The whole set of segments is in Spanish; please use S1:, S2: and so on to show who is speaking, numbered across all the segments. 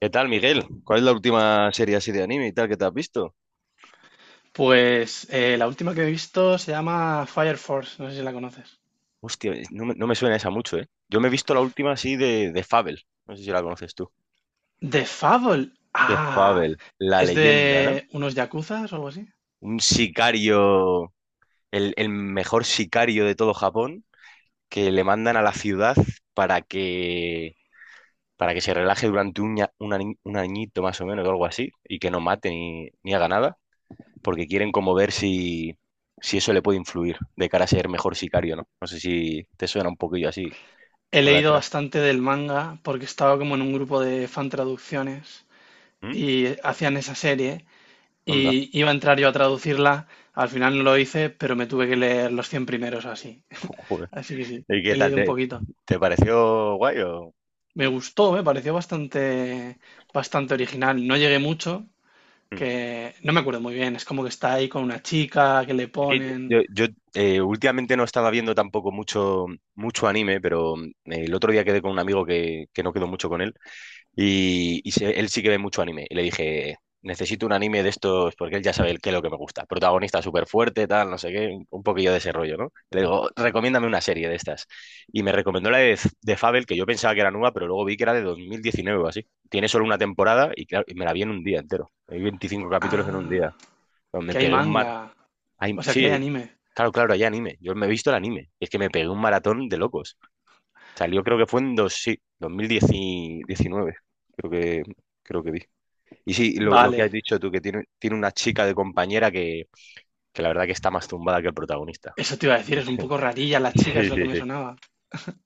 S1: ¿Qué tal, Miguel? ¿Cuál es la última serie así de anime y tal que te has visto?
S2: Pues la última que he visto se llama Fire Force, no sé si la conoces.
S1: Hostia, no me suena esa mucho, ¿eh? Yo me he visto la última así de Fable. No sé si la conoces tú.
S2: The Fable.
S1: De
S2: Ah,
S1: Fable, la
S2: es
S1: leyenda, ¿no?
S2: de unos yakuzas o algo así.
S1: Un sicario, el mejor sicario de todo Japón, que le mandan a la ciudad para que, para que se relaje durante un, ña- un ani- un añito más o menos o algo así, y que no mate ni haga nada, porque quieren como ver si eso le puede influir de cara a ser mejor sicario, ¿no? No sé si te suena un poquillo así
S2: He
S1: con la
S2: leído
S1: otra.
S2: bastante del manga porque estaba como en un grupo de fan traducciones
S1: ¿Mm?
S2: y hacían esa serie
S1: Anda,
S2: y iba a entrar yo a traducirla. Al final no lo hice, pero me tuve que leer los 100 primeros o así.
S1: joder.
S2: Así que sí,
S1: ¿Y qué
S2: he
S1: tal?
S2: leído un poquito.
S1: ¿Te pareció guay o...?
S2: Me gustó, me pareció bastante, bastante original. No llegué mucho,
S1: Mm.
S2: que no me acuerdo muy bien, es como que está ahí con una chica, que le
S1: Es que
S2: ponen.
S1: últimamente no estaba viendo tampoco mucho anime, pero el otro día quedé con un amigo que no quedó mucho con él. Él sí que ve mucho anime. Y le dije, necesito un anime de estos, porque él ya sabe el qué es lo que me gusta. Protagonista súper fuerte, tal, no sé qué, un poquillo de ese rollo, ¿no? Le digo, recomiéndame una serie de estas. Y me recomendó la de Fable, que yo pensaba que era nueva, pero luego vi que era de 2019 o así. Tiene solo una temporada y, claro, y me la vi en un día entero. Hay 25 capítulos en un
S2: Ah,
S1: día. Me
S2: que hay
S1: pegué un mar...
S2: manga,
S1: Ay,
S2: o sea, que hay
S1: sí,
S2: anime.
S1: claro, hay anime. Yo me he visto el anime. Es que me pegué un maratón de locos. Salió creo que fue en 2019, creo que, creo que vi. Y sí, lo que
S2: Vale,
S1: has dicho tú, tiene una chica de compañera que la verdad que está más tumbada que el protagonista.
S2: eso te iba a decir, es un poco rarilla la chica, es
S1: Sí,
S2: lo que
S1: sí,
S2: me
S1: sí.
S2: sonaba.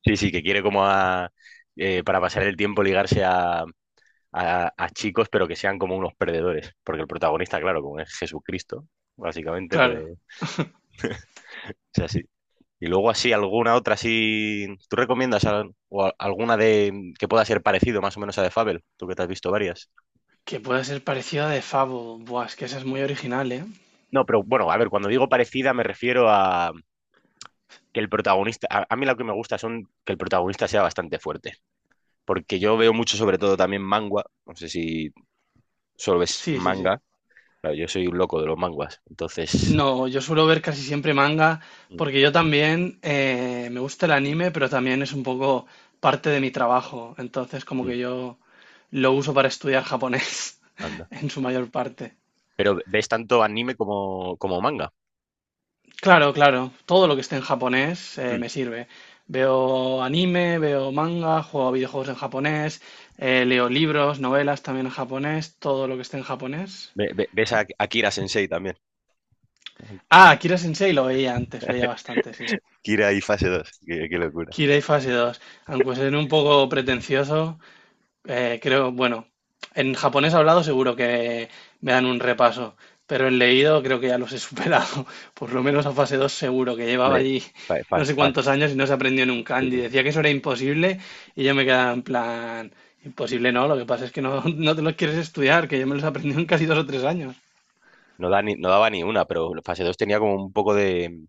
S1: Sí, sí, que quiere como para pasar el tiempo ligarse a chicos, pero que sean como unos perdedores. Porque el protagonista, claro, como es Jesucristo, básicamente, pues
S2: Claro,
S1: es así. Y luego así, alguna otra así... ¿Tú recomiendas alguna de que pueda ser parecido más o menos a The Fable? Tú que te has visto varias.
S2: que puede ser parecida de Fable, buah, es que esa es muy original, ¿eh?
S1: No, pero bueno, a ver, cuando digo parecida me refiero a que el protagonista, a mí lo que me gusta son que el protagonista sea bastante fuerte, porque yo veo mucho sobre todo también manga, no sé si solo ves
S2: Sí, sí, sí.
S1: manga, claro, yo soy un loco de los manguas, entonces,
S2: No, yo suelo ver casi siempre manga
S1: mm,
S2: porque yo también me gusta el anime, pero también es un poco parte de mi trabajo. Entonces, como
S1: mm,
S2: que yo lo uso para estudiar japonés
S1: anda.
S2: en su mayor parte.
S1: Pero ves tanto anime como manga.
S2: Claro, claro. Todo lo que esté en japonés
S1: Mm.
S2: me sirve. Veo anime, veo manga, juego a videojuegos en japonés, leo libros, novelas también en japonés, todo lo que esté en japonés.
S1: ¿Ves a Kira Sensei también,
S2: Ah, Kira Sensei lo veía antes, veía bastante, sí.
S1: Kira y fase dos? Qué, qué locura.
S2: Kira y Fase dos. Aunque suene un poco pretencioso, creo, bueno, en japonés hablado seguro que me dan un repaso, pero en leído creo que ya los he superado. Por lo menos a fase dos seguro que llevaba
S1: Hombre,
S2: allí
S1: fa- fa-
S2: no sé
S1: fa-
S2: cuántos años y no se aprendió ni un
S1: sí,
S2: kanji.
S1: sí.
S2: Decía que eso era imposible y yo me quedaba en plan, imposible no, lo que pasa es que no, no te los quieres estudiar, que yo me los aprendí en casi 2 o 3 años.
S1: No da ni- no daba ni una, pero fase 2 tenía como un poco de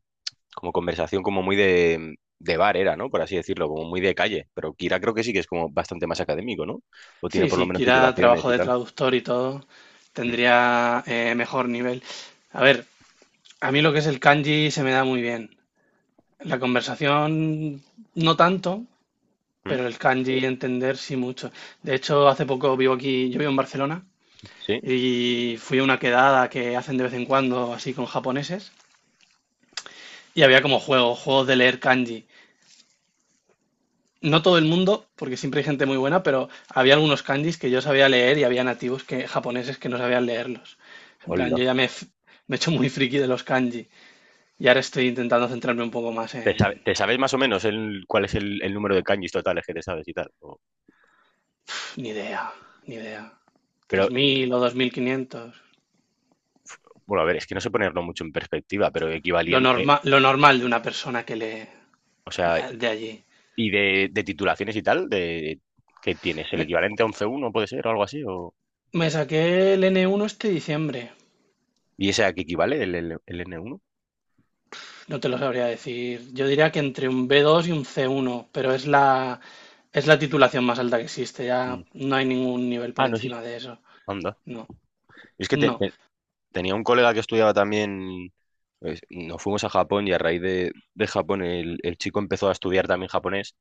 S1: como conversación como muy de bar era, ¿no? Por así decirlo, como muy de calle. Pero Kira creo que sí que es como bastante más académico, ¿no? O tiene
S2: Sí,
S1: por lo
S2: si
S1: menos
S2: quiera
S1: titulaciones
S2: trabajo
S1: y
S2: de
S1: tal.
S2: traductor y todo,
S1: Mm,
S2: tendría mejor nivel. A ver, a mí lo que es el kanji se me da muy bien. La conversación no tanto,
S1: mm,
S2: pero el kanji entender sí mucho. De hecho, hace poco vivo aquí, yo vivo en Barcelona
S1: sí,
S2: y fui a una quedada que hacen de vez en cuando así con japoneses y había como juegos, juegos de leer kanji. No todo el mundo, porque siempre hay gente muy buena, pero había algunos kanjis que yo sabía leer y había nativos que, japoneses que no sabían leerlos. En plan,
S1: hola.
S2: yo ya me he hecho muy friki de los kanji y ahora estoy intentando centrarme un poco más en.
S1: ¿Te sabes más o menos el, cuál es el número de kanjis totales que te sabes y tal? O
S2: Ni idea, ni idea.
S1: pero,
S2: 3000 o 2500.
S1: bueno, a ver, es que no sé ponerlo mucho en perspectiva, pero equivalente,
S2: Lo normal de una persona que lee
S1: o sea,
S2: de allí.
S1: y de titulaciones y tal, de, ¿qué tienes? ¿El
S2: Me,
S1: equivalente a once uno puede ser o algo así? O
S2: me saqué el N1 este diciembre.
S1: ¿y ese a qué equivale, el n uno?
S2: No te lo sabría decir. Yo diría que entre un B2 y un C1, pero es la titulación más alta que existe.
S1: Mm.
S2: Ya no hay ningún nivel
S1: Ah,
S2: por
S1: no existe.
S2: encima de eso.
S1: Anda.
S2: No,
S1: Es que
S2: no.
S1: tenía un colega que estudiaba también, pues, nos fuimos a Japón y a raíz de Japón el chico empezó a estudiar también japonés.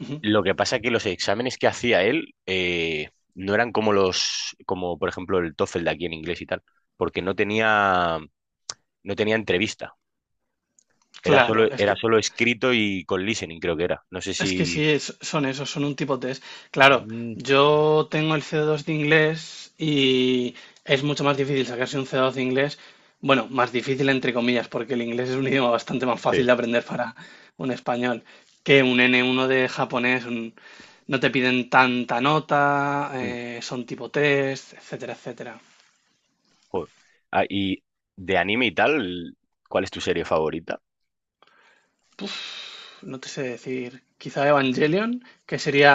S2: Ujú.
S1: Lo que pasa es que los exámenes que hacía él no eran como los, como por ejemplo el TOEFL de aquí en inglés y tal, porque no tenía entrevista.
S2: Claro, es que
S1: Era solo escrito y con listening, creo que era. No sé
S2: Es que sí,
S1: si...
S2: son esos, son un tipo test. Claro,
S1: Mm.
S2: yo tengo el C2 de inglés y es mucho más difícil sacarse un C2 de inglés. Bueno, más difícil entre comillas, porque el inglés es un idioma bastante más
S1: Sí.
S2: fácil de aprender para un español que un N1 de japonés. No te piden tanta nota,
S1: Mm,
S2: son tipo test, etcétera, etcétera.
S1: joder. Ah, y de anime y tal, ¿cuál es tu serie favorita?
S2: No te sé decir, quizá Evangelion, que sería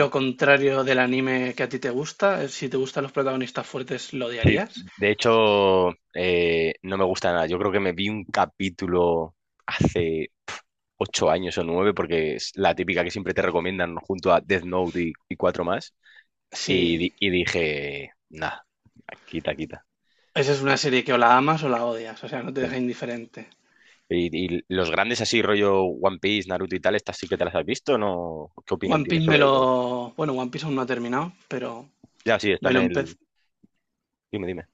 S2: lo contrario del anime que a ti te gusta. Si te gustan los protagonistas fuertes, ¿lo
S1: Sí,
S2: odiarías?
S1: de hecho, no me gusta nada. Yo creo que me vi un capítulo hace 8 años o 9, porque es la típica que siempre te recomiendan junto a Death Note y cuatro más.
S2: Sí.
S1: Y dije, nada, quita, quita.
S2: Esa es una serie que o la amas o la odias, o sea, no te deja indiferente.
S1: Y los grandes así, rollo One Piece, Naruto y tal, estas sí que te las has visto, ¿no? ¿Qué opinión
S2: One
S1: tienes
S2: Piece me
S1: sobre ellas?
S2: lo... Bueno, One Piece aún no ha terminado, pero
S1: Ya, sí,
S2: me
S1: están
S2: lo,
S1: en
S2: empe-
S1: el... Dime, dime.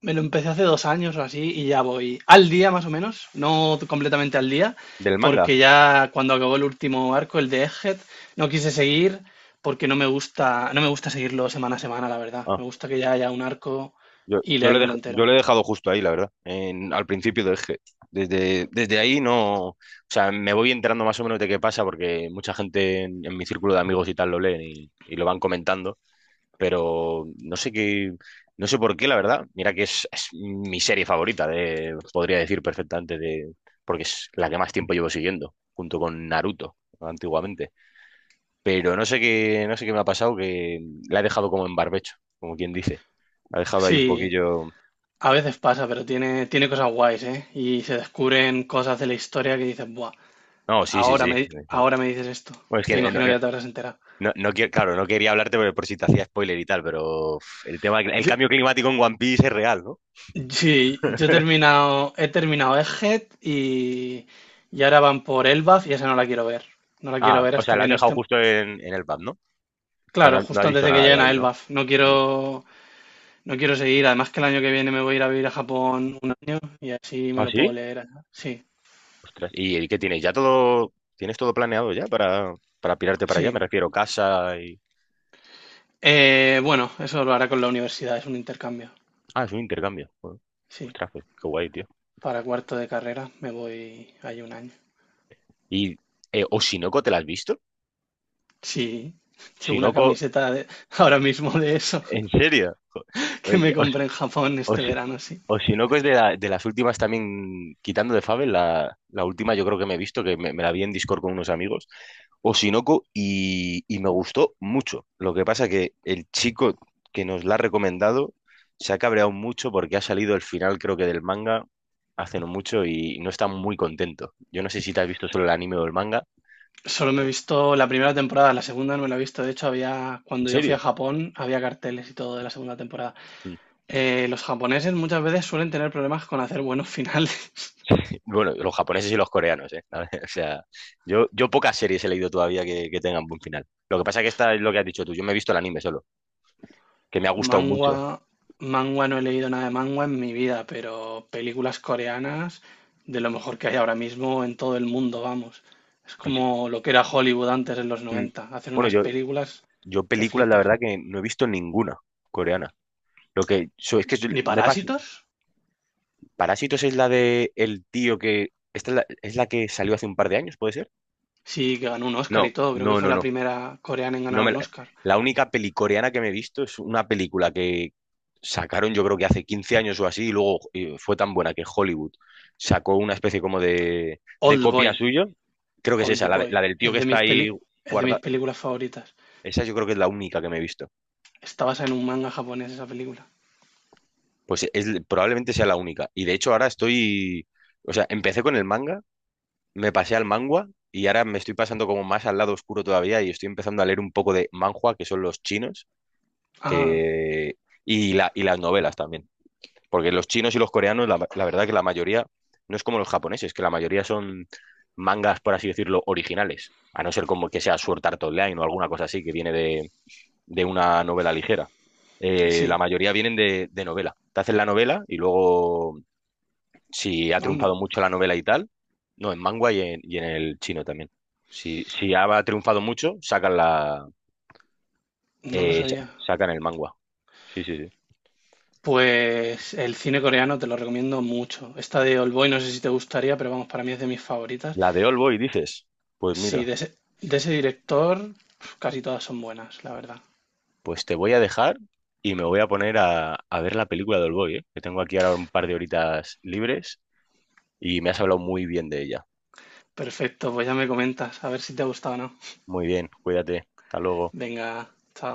S2: me lo empecé hace 2 años o así y ya voy al día más o menos, no completamente al día,
S1: ¿Del manga?
S2: porque ya cuando acabó el último arco, el de Egghead, no quise seguir porque no me gusta, no me gusta seguirlo semana a semana, la verdad. Me gusta que ya haya un arco y leérmelo
S1: Yo
S2: entero.
S1: le he dejado justo ahí, la verdad. En al principio dejé. Desde ahí no. O sea, me voy enterando más o menos de qué pasa, porque mucha gente en mi círculo de amigos y tal lo leen y lo van comentando. Pero no sé qué. No sé por qué, la verdad. Mira que es mi serie favorita, de, podría decir perfectamente, de, porque es la que más tiempo llevo siguiendo, junto con Naruto, antiguamente. Pero no sé qué, no sé qué me ha pasado, que la he dejado como en barbecho, como quien dice. La he dejado ahí un
S2: Sí,
S1: poquillo.
S2: a veces pasa, pero tiene cosas guays, ¿eh? Y se descubren cosas de la historia que dices, buah,
S1: No, sí, sí,
S2: ahora
S1: sí.
S2: me, ahora me dices esto,
S1: Bueno, es
S2: que
S1: que no,
S2: imagino que
S1: no,
S2: ya te habrás enterado.
S1: no, no quiero, claro, no quería hablarte por si te hacía spoiler y tal, pero uf, el tema, el cambio climático en One Piece es real, ¿no?
S2: Sí, yo he terminado Egghead y ahora van por Elbaf y esa no la quiero ver. No la quiero
S1: Ah,
S2: ver
S1: o sea,
S2: hasta
S1: lo has
S2: que no
S1: dejado
S2: esté.
S1: justo en el pub, ¿no? O sea,
S2: Claro,
S1: no, no
S2: justo
S1: has
S2: antes
S1: visto
S2: de que
S1: nada de
S2: lleguen a
S1: ahí, ¿no?
S2: Elbaf. No
S1: Mm.
S2: quiero, no quiero seguir. Además que el año que viene me voy a ir a vivir a Japón un año y así me
S1: ¿Ah,
S2: lo puedo
S1: sí?
S2: leer allá. Sí,
S1: Ostras, y qué tienes? ¿Ya todo, tienes todo planeado ya para pirarte para allá? Me
S2: sí.
S1: refiero, casa y...
S2: Bueno, eso lo hará con la universidad, es un intercambio.
S1: Ah, es un intercambio. Joder.
S2: Sí,
S1: Ostras, pues, qué guay, tío.
S2: para cuarto de carrera me voy ahí un año.
S1: ¿Y Oshinoko te la has visto?
S2: Sí, llevo una
S1: Shinoko,
S2: camiseta ahora mismo de eso
S1: ¿en serio? Jo,
S2: que me compré en Japón
S1: o
S2: este
S1: si,
S2: verano, sí.
S1: o si no, que es de, de las últimas también, quitando de Fable, la última yo creo que me he visto, me la vi en Discord con unos amigos, Osinoco, y me gustó mucho. Lo que pasa que el chico que nos la ha recomendado se ha cabreado mucho porque ha salido el final, creo que del manga, hace no mucho, y no está muy contento. Yo no sé si te has visto solo el anime o el manga.
S2: Solo me he visto la primera temporada, la segunda no me la he visto. De hecho, había,
S1: ¿En
S2: cuando yo fui a
S1: serio?
S2: Japón, había carteles y todo de la segunda temporada. Los japoneses muchas veces suelen tener problemas con hacer buenos finales.
S1: Bueno, los japoneses y los coreanos, ¿eh? O sea, yo pocas series he leído todavía que tengan buen final. Lo que pasa es que esta es lo que has dicho tú. Yo me he visto el anime solo, que me ha gustado
S2: Mangua,
S1: mucho.
S2: mangua no he leído nada de mangua en mi vida, pero películas coreanas de lo mejor que hay ahora mismo en todo el mundo, vamos. Es
S1: Pues,
S2: como lo que era Hollywood antes en los
S1: mm,
S2: 90. Hacen
S1: bueno,
S2: unas películas
S1: yo
S2: que
S1: películas, la
S2: flipas.
S1: verdad que no he visto ninguna coreana. Lo que
S2: ¿Ni
S1: me pasa.
S2: Parásitos?
S1: Parásitos es la de el tío que. Esta es es la que salió hace un par de años, ¿puede ser?
S2: Sí, que ganó un Oscar
S1: No,
S2: y todo. Creo que
S1: no,
S2: fue
S1: no,
S2: la
S1: no.
S2: primera coreana en
S1: No
S2: ganar
S1: me
S2: un
S1: la,
S2: Oscar.
S1: la única peli coreana que me he visto es una película que sacaron yo creo que hace 15 años o así y luego fue tan buena que Hollywood sacó una especie como de
S2: Old
S1: copia
S2: Boy.
S1: suyo. Creo que es esa, la
S2: Oldboy
S1: del tío
S2: es
S1: que
S2: de
S1: está
S2: mis
S1: ahí
S2: peli- es de mis
S1: guardada.
S2: películas favoritas.
S1: Esa yo creo que es la única que me he visto.
S2: Está basada en un manga japonés esa película.
S1: Pues es, probablemente sea la única. Y de hecho ahora estoy... O sea, empecé con el manga, me pasé al manga y ahora me estoy pasando como más al lado oscuro todavía y estoy empezando a leer un poco de manhua, que son los chinos,
S2: Ah,
S1: que... Y, la, y las novelas también. Porque los chinos y los coreanos, la verdad que la mayoría, no es como los japoneses, que la mayoría son mangas, por así decirlo, originales. A no ser como que sea Sword Art Online o alguna cosa así que viene de una novela ligera. La
S2: sí,
S1: mayoría vienen de novela. Te hacen la novela y luego, si ha triunfado
S2: anda,
S1: mucho la novela y tal, no, en manga y y en el chino también. Si ha triunfado mucho, sacan la,
S2: no lo sabía.
S1: sacan el manga. Sí, sí, sí.
S2: Pues el cine coreano te lo recomiendo mucho. Esta de Oldboy no sé si te gustaría, pero vamos, para mí es de mis favoritas.
S1: La de All Boy, dices. Pues
S2: Sí,
S1: mira,
S2: de ese director pf, casi todas son buenas, la verdad.
S1: pues te voy a dejar y me voy a poner a ver la película de Oldboy, ¿eh? Que tengo aquí ahora un par de horitas libres y me has hablado muy bien de ella.
S2: Perfecto, pues ya me comentas, a ver si te ha gustado o no.
S1: Muy bien, cuídate. Hasta luego.
S2: Venga, chao.